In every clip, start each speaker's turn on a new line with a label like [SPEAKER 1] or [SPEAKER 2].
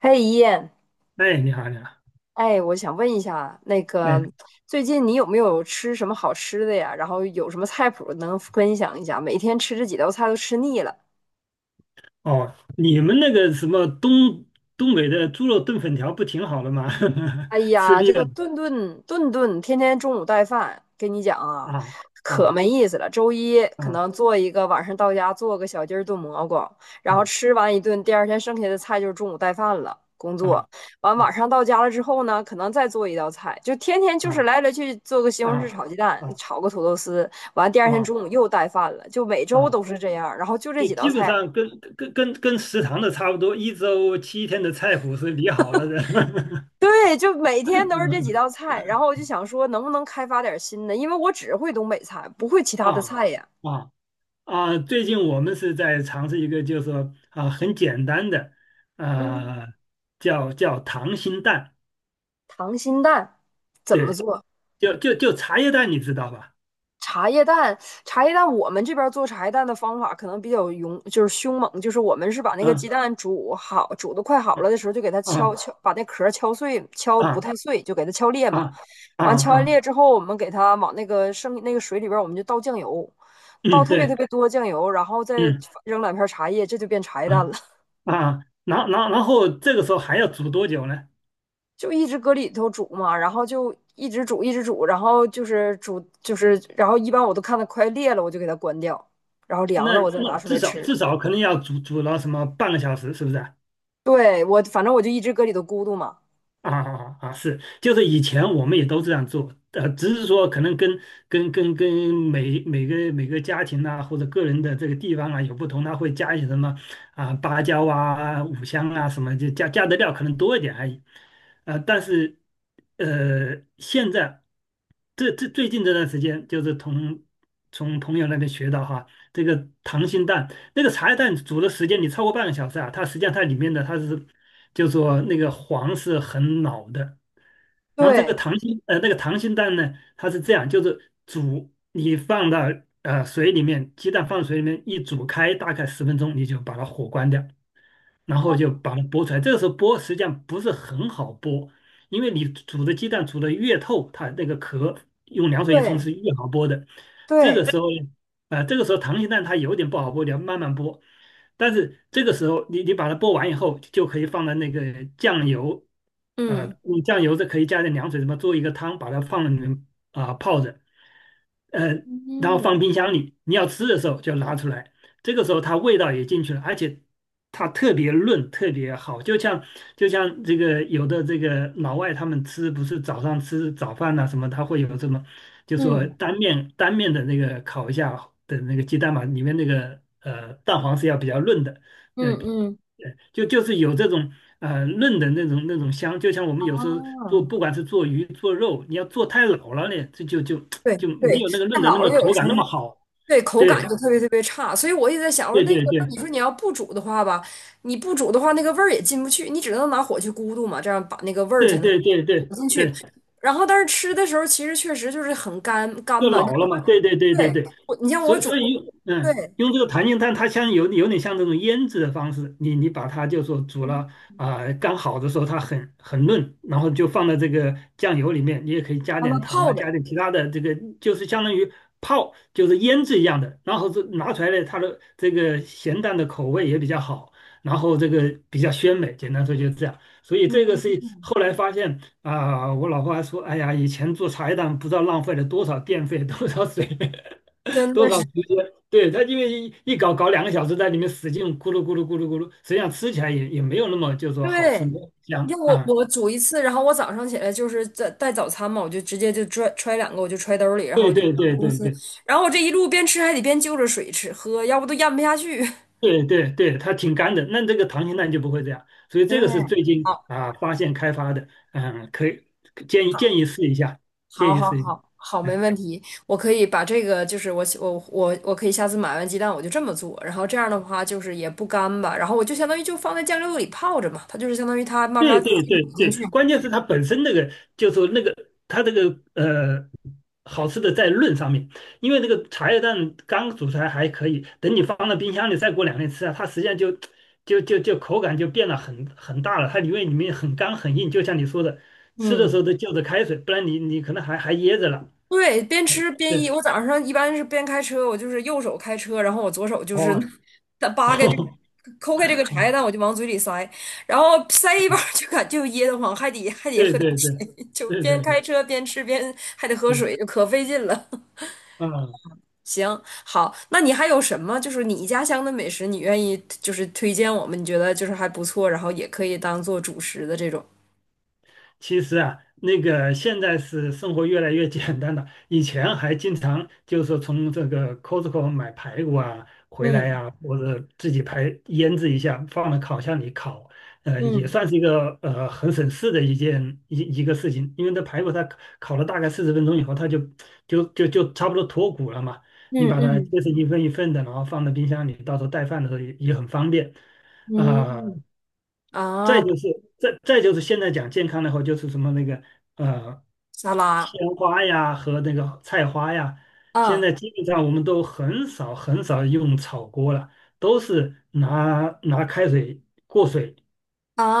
[SPEAKER 1] 嘿，一燕，
[SPEAKER 2] 哎，你好，你好。
[SPEAKER 1] 哎，我想问一下，那个
[SPEAKER 2] 哎，
[SPEAKER 1] 最近你有没有吃什么好吃的呀？然后有什么菜谱能分享一下？每天吃这几道菜都吃腻了。
[SPEAKER 2] 哦，你们那个什么东北的猪肉炖粉条不挺好的吗？
[SPEAKER 1] 哎
[SPEAKER 2] 吃
[SPEAKER 1] 呀，
[SPEAKER 2] 腻
[SPEAKER 1] 这
[SPEAKER 2] 了。
[SPEAKER 1] 个顿顿天天中午带饭，跟你讲啊，
[SPEAKER 2] 啊，
[SPEAKER 1] 可
[SPEAKER 2] 啊，
[SPEAKER 1] 没意思了。周一可
[SPEAKER 2] 啊，
[SPEAKER 1] 能做一个，晚上到家做个小鸡儿炖蘑菇，然后
[SPEAKER 2] 啊，
[SPEAKER 1] 吃完一顿，第二天剩下的菜就是中午带饭了。工
[SPEAKER 2] 啊，
[SPEAKER 1] 作完，晚
[SPEAKER 2] 啊，
[SPEAKER 1] 上到家了之后呢，可能再做一道菜，就天天就是
[SPEAKER 2] 啊，
[SPEAKER 1] 来去做个西红柿
[SPEAKER 2] 啊，
[SPEAKER 1] 炒鸡蛋，
[SPEAKER 2] 啊，
[SPEAKER 1] 炒个土豆丝，完第二天
[SPEAKER 2] 啊，
[SPEAKER 1] 中午又带饭了，就每周
[SPEAKER 2] 啊！
[SPEAKER 1] 都是这样，然后就这
[SPEAKER 2] 就
[SPEAKER 1] 几道
[SPEAKER 2] 基本
[SPEAKER 1] 菜，
[SPEAKER 2] 上跟食堂的差不多，一周七天的菜谱是理好了的。
[SPEAKER 1] 对，就每天都是这几
[SPEAKER 2] 嗯。
[SPEAKER 1] 道菜，然后我就想说，能不能开发点新的？因为我只会东北菜，不会其他的
[SPEAKER 2] 啊，
[SPEAKER 1] 菜呀。
[SPEAKER 2] 啊，啊！最近我们是在尝试一个，就是说啊，很简单的，
[SPEAKER 1] 嗯，
[SPEAKER 2] 啊，叫溏心蛋，
[SPEAKER 1] 溏心蛋怎么
[SPEAKER 2] 对。
[SPEAKER 1] 做？
[SPEAKER 2] 就茶叶蛋，你知道吧？
[SPEAKER 1] 茶叶蛋，茶叶蛋，我们这边做茶叶蛋的方法可能比较勇，就是凶猛，就是我们是把那个鸡
[SPEAKER 2] 嗯，
[SPEAKER 1] 蛋煮好，煮的快好了
[SPEAKER 2] 嗯。
[SPEAKER 1] 的时候，就给它敲
[SPEAKER 2] 啊，
[SPEAKER 1] 敲，把那壳敲碎，敲不
[SPEAKER 2] 啊，
[SPEAKER 1] 太碎，就给它敲裂嘛。
[SPEAKER 2] 啊，啊，
[SPEAKER 1] 完敲完裂
[SPEAKER 2] 啊！
[SPEAKER 1] 之后，我们给它往那个剩那个水里边我们就倒酱油，倒
[SPEAKER 2] 嗯，
[SPEAKER 1] 特别
[SPEAKER 2] 对。
[SPEAKER 1] 特别多酱油，然后再
[SPEAKER 2] 嗯，
[SPEAKER 1] 扔两片茶叶，这就变茶叶蛋了。
[SPEAKER 2] 嗯， 啊，然后这个时候还要煮多久呢？
[SPEAKER 1] 就一直搁里头煮嘛，然后就一直煮一直煮，然后就是煮就是，然后一般我都看它快裂了，我就给它关掉，然后凉
[SPEAKER 2] 那
[SPEAKER 1] 了我再
[SPEAKER 2] 那
[SPEAKER 1] 拿出来
[SPEAKER 2] 至少
[SPEAKER 1] 吃。
[SPEAKER 2] 至少肯定要煮了什么半个小时，是不是啊？
[SPEAKER 1] 对，我反正我就一直搁里头咕嘟嘛。
[SPEAKER 2] 啊，啊，啊！啊，是，就是以前我们也都这样做，只是说可能跟每个家庭啊，或者个人的这个地方啊有不同，他会加一些什么啊，芭蕉啊，五香啊什么，就加的料可能多一点而已。但是现在这最近这段时间，就是从朋友那边学到哈，这个溏心蛋那个茶叶蛋煮的时间你超过半个小时啊，它实际上它里面的它是。就说那个黄是很老的。然后这个
[SPEAKER 1] 对
[SPEAKER 2] 溏心呃，那个溏心蛋呢，它是这样，就是煮，你放到水里面，鸡蛋放水里面一煮开，大概十分钟，你就把它火关掉。然后就
[SPEAKER 1] 啊，
[SPEAKER 2] 把它剥出来。这个时候剥实际上不是很好剥，因为你煮的鸡蛋煮的越透，它那个壳用凉水一冲
[SPEAKER 1] 对
[SPEAKER 2] 是越好剥的。这
[SPEAKER 1] 对，
[SPEAKER 2] 个时候呢，啊，这个时候溏心蛋它有点不好剥，你要慢慢剥。但是这个时候你把它剥完以后，就可以放在那个酱油，
[SPEAKER 1] 嗯
[SPEAKER 2] 用酱油这可以加点凉水，什么做一个汤，把它放在里面啊，泡着，呃，然后
[SPEAKER 1] 嗯
[SPEAKER 2] 放冰箱里，你要吃的时候就拿出来。这个时候它味道也进去了，而且它特别润，特别好，就像这个有的这个老外他们吃不是早上吃早饭呐，什么，他会有什么，就说
[SPEAKER 1] 嗯
[SPEAKER 2] 单面的那个烤一下的那个鸡蛋嘛，里面那个蛋黄是要比较润的，
[SPEAKER 1] 嗯嗯，
[SPEAKER 2] 就是有这种嫩的那种香，就像我们有时候做
[SPEAKER 1] 啊，
[SPEAKER 2] 不管是做鱼做肉，你要做太老了呢，这就就
[SPEAKER 1] 对
[SPEAKER 2] 就没
[SPEAKER 1] 对，
[SPEAKER 2] 有那个嫩
[SPEAKER 1] 太
[SPEAKER 2] 的那
[SPEAKER 1] 老
[SPEAKER 2] 么
[SPEAKER 1] 了，有
[SPEAKER 2] 口
[SPEAKER 1] 时
[SPEAKER 2] 感
[SPEAKER 1] 候
[SPEAKER 2] 那么好，
[SPEAKER 1] 对，口感
[SPEAKER 2] 对
[SPEAKER 1] 就特别特别差，所以我也在想，我说
[SPEAKER 2] 对
[SPEAKER 1] 那个，
[SPEAKER 2] 对
[SPEAKER 1] 你
[SPEAKER 2] 对。
[SPEAKER 1] 说你要不煮的话吧，你不煮的话，那个味儿也进不去，你只能拿火去咕嘟嘛，这样把那个味儿才
[SPEAKER 2] 对
[SPEAKER 1] 能
[SPEAKER 2] 对对对
[SPEAKER 1] 煮进去。
[SPEAKER 2] 对，
[SPEAKER 1] 然后，但是吃的时候其实确实就是很干干
[SPEAKER 2] 就
[SPEAKER 1] 吧，
[SPEAKER 2] 老了嘛，对对对对
[SPEAKER 1] 对，
[SPEAKER 2] 对，
[SPEAKER 1] 我你像
[SPEAKER 2] 所
[SPEAKER 1] 我
[SPEAKER 2] 以
[SPEAKER 1] 煮，
[SPEAKER 2] 所以用嗯
[SPEAKER 1] 对，
[SPEAKER 2] 用这个弹性炭，它像有点像这种腌制的方式，你把它就说煮了啊，刚好的时候它很嫩，然后就放在这个酱油里面，你也可以加
[SPEAKER 1] 让
[SPEAKER 2] 点
[SPEAKER 1] 它
[SPEAKER 2] 糖
[SPEAKER 1] 泡
[SPEAKER 2] 啊，
[SPEAKER 1] 着，
[SPEAKER 2] 加点其他的这个，就是相当于泡就是腌制一样的，然后是拿出来的它的这个咸淡的口味也比较好，然后这个比较鲜美，简单说就是这样。所以这个
[SPEAKER 1] 嗯，
[SPEAKER 2] 是后来发现，啊，我老婆还说，哎呀，以前做茶叶蛋不知道浪费了多少电费 多少水，
[SPEAKER 1] 真
[SPEAKER 2] 多
[SPEAKER 1] 的
[SPEAKER 2] 少
[SPEAKER 1] 是
[SPEAKER 2] 时间。对，她因为一搞2个小时，在里面使劲咕噜咕噜咕噜咕噜，实际上吃起来也没有那么就是说好吃，
[SPEAKER 1] 对。
[SPEAKER 2] 没有
[SPEAKER 1] 你
[SPEAKER 2] 香
[SPEAKER 1] 像我
[SPEAKER 2] 啊。
[SPEAKER 1] 我煮一次，然后我早上起来就是在带早餐嘛，我就直接就揣两个，我就揣兜里，然后
[SPEAKER 2] 对
[SPEAKER 1] 我就
[SPEAKER 2] 对
[SPEAKER 1] 上
[SPEAKER 2] 对
[SPEAKER 1] 公
[SPEAKER 2] 对
[SPEAKER 1] 司，
[SPEAKER 2] 对
[SPEAKER 1] 然后我这一路边吃还得边就着水吃喝，要不都咽不下去。
[SPEAKER 2] 对对对，它挺干的。那这个溏心蛋就不会这样，所以
[SPEAKER 1] 对，
[SPEAKER 2] 这个是最近
[SPEAKER 1] 好，
[SPEAKER 2] 啊发现开发的，嗯，可以建议建
[SPEAKER 1] 好，
[SPEAKER 2] 议试一下，
[SPEAKER 1] 好，
[SPEAKER 2] 建议
[SPEAKER 1] 好，
[SPEAKER 2] 试一下。
[SPEAKER 1] 好，好，没
[SPEAKER 2] 嗯，
[SPEAKER 1] 问题。我可以把这个，就是我起我我我可以下次买完鸡蛋我就这么做，然后这样的话就是也不干巴，然后我就相当于就放在酱料里泡着嘛，它就是相当于它慢
[SPEAKER 2] 对
[SPEAKER 1] 慢，
[SPEAKER 2] 对对对，关键是它本身那个，就是说那个它这个好吃的在论上面，因为这个茶叶蛋刚煮出来还可以，等你放到冰箱里再过2天吃啊，它实际上就口感就变得很大了，它因为里面很干很硬，就像你说的，吃的
[SPEAKER 1] 嗯，
[SPEAKER 2] 时候都就着开水，不然你可能还噎着了。
[SPEAKER 1] 对，边吃边一，
[SPEAKER 2] 对，
[SPEAKER 1] 我早上一般是边开车，我就是右手开车，然后我左手就是
[SPEAKER 2] 哦，
[SPEAKER 1] 它扒开这个。抠开这个茶叶
[SPEAKER 2] 哦，
[SPEAKER 1] 蛋，我就往嘴里塞，然后塞一半儿
[SPEAKER 2] 哦，
[SPEAKER 1] 就感就噎得慌，还得
[SPEAKER 2] 对
[SPEAKER 1] 喝点
[SPEAKER 2] 对对
[SPEAKER 1] 水，就
[SPEAKER 2] 对
[SPEAKER 1] 边
[SPEAKER 2] 对
[SPEAKER 1] 开
[SPEAKER 2] 对
[SPEAKER 1] 车边吃边还得喝
[SPEAKER 2] 对，
[SPEAKER 1] 水，就可费劲了。
[SPEAKER 2] 嗯。
[SPEAKER 1] 行，好，那你还有什么就是你家乡的美食，你愿意就是推荐我们，你觉得就是还不错，然后也可以当做主食的这种
[SPEAKER 2] 其实啊，那个现在是生活越来越简单了，以前还经常就是从这个 Costco 买排骨啊回来
[SPEAKER 1] 嗯
[SPEAKER 2] 呀，或者自己排腌制一下，放到烤箱里烤，也
[SPEAKER 1] 嗯
[SPEAKER 2] 算是一个很省事的一件一一个事情，因为这排骨它烤了大概40分钟以后，它就差不多脱骨了嘛，你
[SPEAKER 1] 嗯
[SPEAKER 2] 把它
[SPEAKER 1] 嗯
[SPEAKER 2] 切成一份一份的，然后放到冰箱里，到时候带饭的时候也很方便。
[SPEAKER 1] 嗯，
[SPEAKER 2] 啊，再
[SPEAKER 1] 啊，
[SPEAKER 2] 就是现在讲健康的话，就是什么那个呃，
[SPEAKER 1] 沙拉
[SPEAKER 2] 鲜花呀和那个菜花呀，现
[SPEAKER 1] 啊
[SPEAKER 2] 在基本上我们都很少很少用炒锅了，都是拿开水过水，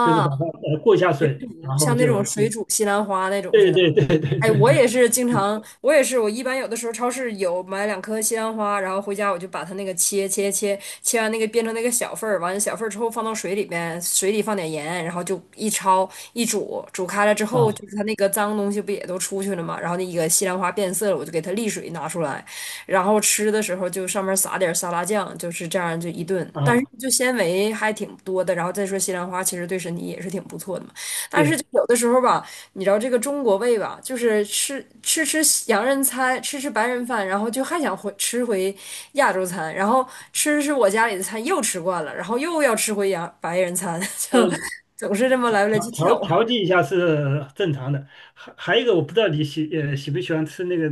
[SPEAKER 2] 就是把它过一下水，然后
[SPEAKER 1] 像那种
[SPEAKER 2] 就
[SPEAKER 1] 水煮西兰花那种似
[SPEAKER 2] 对
[SPEAKER 1] 的。
[SPEAKER 2] 对对对
[SPEAKER 1] 哎，
[SPEAKER 2] 对
[SPEAKER 1] 我
[SPEAKER 2] 对，
[SPEAKER 1] 也是经常，我也是，我一般有的时候超市有买两颗西兰花，然后回家我就把它那个切，切完那个变成那个小份儿，完了小份儿之后放到水里边，水里放点盐，然后就一焯一煮，煮开了之后，就
[SPEAKER 2] 啊，
[SPEAKER 1] 是它那个脏东西不也都出去了嘛，然后那个西兰花变色了，我就给它沥水拿出来，然后吃的时候就上面撒点沙拉酱，就是这样就一顿，但是
[SPEAKER 2] 啊，
[SPEAKER 1] 就纤维还挺多的，然后再说西兰花其实对身体也是挺不错的嘛。但是
[SPEAKER 2] 对，
[SPEAKER 1] 就有的时候吧，你知道这个中国胃吧，就是吃洋人餐，吃吃白人饭，然后就还想回吃回亚洲餐，然后吃吃我家里的餐又吃惯了，然后又要吃回洋白人餐，就
[SPEAKER 2] 嗯，
[SPEAKER 1] 总是这么来来去跳，
[SPEAKER 2] 调剂一下是正常的，还有一个我不知道你喜不喜欢吃那个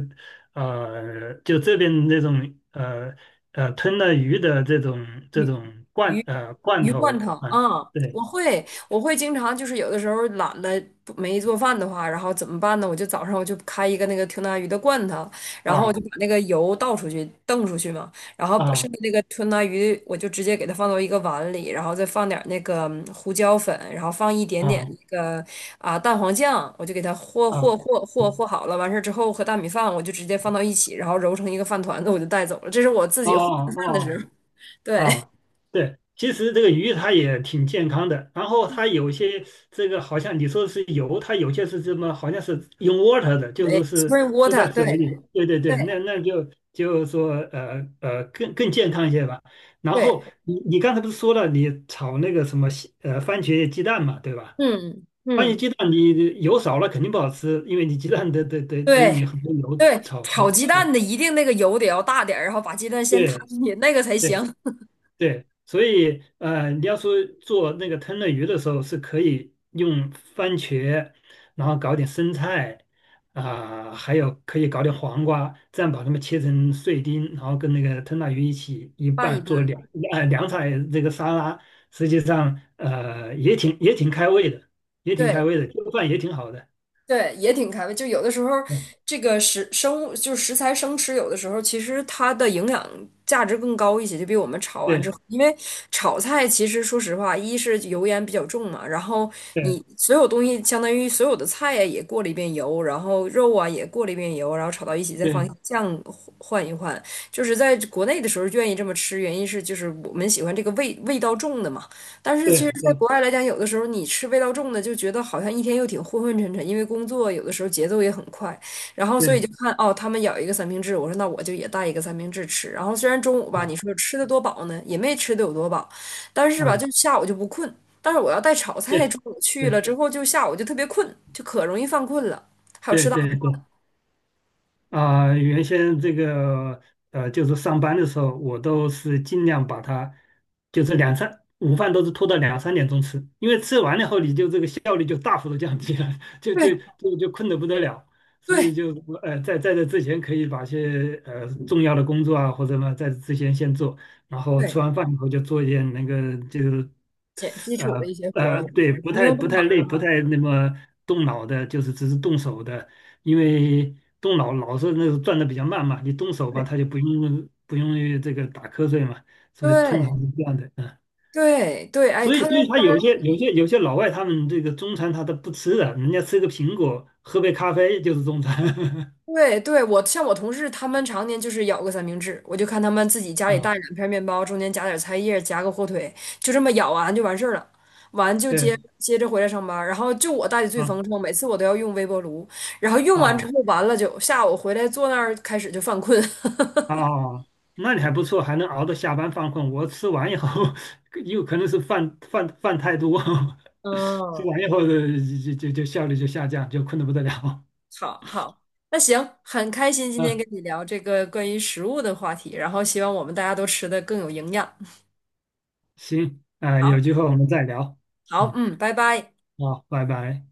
[SPEAKER 2] 就这边那种吞了鱼的这种
[SPEAKER 1] 鱼
[SPEAKER 2] 罐
[SPEAKER 1] 鱼罐
[SPEAKER 2] 头
[SPEAKER 1] 头，
[SPEAKER 2] 啊，
[SPEAKER 1] 啊，我
[SPEAKER 2] 对，
[SPEAKER 1] 会，我会经常就是有的时候懒得不没做饭的话，然后怎么办呢？我就早上我就开一个那个吞拿鱼的罐头，然后我
[SPEAKER 2] 啊，
[SPEAKER 1] 就把那个油倒出去，瞪出去嘛，然后把剩
[SPEAKER 2] 啊，
[SPEAKER 1] 下那个吞拿鱼我就直接给它放到一个碗里，然后再放点儿那个嗯胡椒粉，然后放一点点那
[SPEAKER 2] 啊，
[SPEAKER 1] 个啊蛋黄酱，我就给它和和
[SPEAKER 2] 啊，
[SPEAKER 1] 和和
[SPEAKER 2] 嗯，
[SPEAKER 1] 和好了。完事儿之后和大米饭我就直接放到一起，然后揉成一个饭团子，我就带走了。这是我自
[SPEAKER 2] 哦，
[SPEAKER 1] 己混
[SPEAKER 2] 哦，
[SPEAKER 1] 饭的时候，
[SPEAKER 2] 哦，
[SPEAKER 1] 对。
[SPEAKER 2] 啊，对，其实这个鱼它也挺健康的，然后它有些这个好像你说是油，它有些是什么，好像是用 water 的，就是说
[SPEAKER 1] 对
[SPEAKER 2] 是
[SPEAKER 1] ，spring
[SPEAKER 2] 是在
[SPEAKER 1] water，对，
[SPEAKER 2] 水里。对对对，
[SPEAKER 1] 对
[SPEAKER 2] 那就是说更健康一些吧。然后
[SPEAKER 1] 对
[SPEAKER 2] 你刚才不是说了，你炒那个什么番茄鸡蛋嘛，对吧？
[SPEAKER 1] 嗯
[SPEAKER 2] 番茄
[SPEAKER 1] 嗯，
[SPEAKER 2] 鸡蛋你油少了肯定不好吃，因为你鸡蛋得用你
[SPEAKER 1] 对
[SPEAKER 2] 很多油
[SPEAKER 1] 对，
[SPEAKER 2] 炒
[SPEAKER 1] 炒
[SPEAKER 2] 的。
[SPEAKER 1] 鸡
[SPEAKER 2] 对
[SPEAKER 1] 蛋的一定那个油得要大点儿，然后把鸡蛋先摊
[SPEAKER 2] 对
[SPEAKER 1] 进去，那个才
[SPEAKER 2] 对。
[SPEAKER 1] 行。
[SPEAKER 2] 对，所以你要说做那个吞饪鱼的时候，是可以用番茄，然后搞点生菜啊，还有可以搞点黄瓜，这样把它们切成碎丁，然后跟那个吞拿鱼一起一
[SPEAKER 1] 拌一
[SPEAKER 2] 拌做凉
[SPEAKER 1] 拌。
[SPEAKER 2] 啊，凉菜这个沙拉，实际上也挺开胃的，也挺开
[SPEAKER 1] 对
[SPEAKER 2] 胃的，这个饭也挺好的。
[SPEAKER 1] 对，也挺开胃。就有的时候，
[SPEAKER 2] 嗯，
[SPEAKER 1] 这个食生物就是食材生吃，有的时候其实它的营养价值更高一些，就比我们炒完之
[SPEAKER 2] 对
[SPEAKER 1] 后，因为炒菜其实说实话，一是油烟比较重嘛，然后
[SPEAKER 2] 对
[SPEAKER 1] 你所有东西相当于所有的菜呀也过了一遍油，然后肉啊也过了一遍油，然后炒到一起再放
[SPEAKER 2] 对
[SPEAKER 1] 酱换一换。就是在国内的时候愿意这么吃，原因是就是我们喜欢这个味道重的嘛。但是其实，
[SPEAKER 2] 对
[SPEAKER 1] 在
[SPEAKER 2] 对
[SPEAKER 1] 国外来讲，有的时候你吃味道重的，就觉得好像一天又挺昏昏沉沉，因为工作有的时候节奏也很快，然后所以
[SPEAKER 2] 对，
[SPEAKER 1] 就看哦，他们咬一个三明治，我说那我就也带一个三明治吃。然后虽然中午吧，你说
[SPEAKER 2] 啊
[SPEAKER 1] 吃的多饱呢，也没吃的有多饱，但是吧，
[SPEAKER 2] 啊
[SPEAKER 1] 就下午就不困。但是我要带炒菜，
[SPEAKER 2] 对
[SPEAKER 1] 中午去了
[SPEAKER 2] 对
[SPEAKER 1] 之后，就下午就特别困，就可容易犯困了。还有
[SPEAKER 2] 对
[SPEAKER 1] 吃到，
[SPEAKER 2] 对对。啊，原先这个就是上班的时候，我都是尽量把它，就是两三午饭都是拖到2、3点钟吃，因为吃完了后你就这个效率就大幅度降低了，就就
[SPEAKER 1] 对
[SPEAKER 2] 就困得不得了，所以
[SPEAKER 1] 对
[SPEAKER 2] 就在这之前可以把一些重要的工作啊或者呢在这之前先做，然后吃
[SPEAKER 1] 对，
[SPEAKER 2] 完饭以后就做一点那个就是
[SPEAKER 1] 减基础的一些活儿啊，就
[SPEAKER 2] 对，
[SPEAKER 1] 是
[SPEAKER 2] 不
[SPEAKER 1] 不
[SPEAKER 2] 太
[SPEAKER 1] 用
[SPEAKER 2] 不
[SPEAKER 1] 动脑，
[SPEAKER 2] 太累，不太那么动脑的，就是只是动手的，因为动脑老是那个转的比较慢嘛，你动手吧，他就
[SPEAKER 1] 对
[SPEAKER 2] 不用这个打瞌睡嘛，所以通常
[SPEAKER 1] 对。
[SPEAKER 2] 是这样的，嗯，
[SPEAKER 1] 对对，哎，
[SPEAKER 2] 所以
[SPEAKER 1] 看来
[SPEAKER 2] 所以他有些老外他们这个中餐他都不吃的，人家吃个苹果，喝杯咖啡就是中餐，
[SPEAKER 1] 对对，像我同事他们常年就是咬个三明治，我就看他们自己家里
[SPEAKER 2] 啊，
[SPEAKER 1] 带两片面包，中间夹点菜叶，夹个火腿，就这么咬完就完事儿了，完就
[SPEAKER 2] 对，
[SPEAKER 1] 接着回来上班儿然后就我带的最丰
[SPEAKER 2] 啊
[SPEAKER 1] 盛，每次我都要用微波炉，然后用完之
[SPEAKER 2] 啊。
[SPEAKER 1] 后完了就下午回来坐那儿开始就犯困。
[SPEAKER 2] 哦，那你还不错，还能熬到下班犯困。我吃完以后，有可能是饭太多，吃
[SPEAKER 1] 嗯，
[SPEAKER 2] 完以后的就效率就下降，就困得不得了。
[SPEAKER 1] 好好，那行，很开心今天
[SPEAKER 2] 嗯，
[SPEAKER 1] 跟你聊这个关于食物的话题，然后希望我们大家都吃的更有营养。
[SPEAKER 2] 行，啊，
[SPEAKER 1] 好，
[SPEAKER 2] 有机会我们再聊。
[SPEAKER 1] 好，
[SPEAKER 2] 嗯，
[SPEAKER 1] 嗯，拜拜。
[SPEAKER 2] 好，拜拜。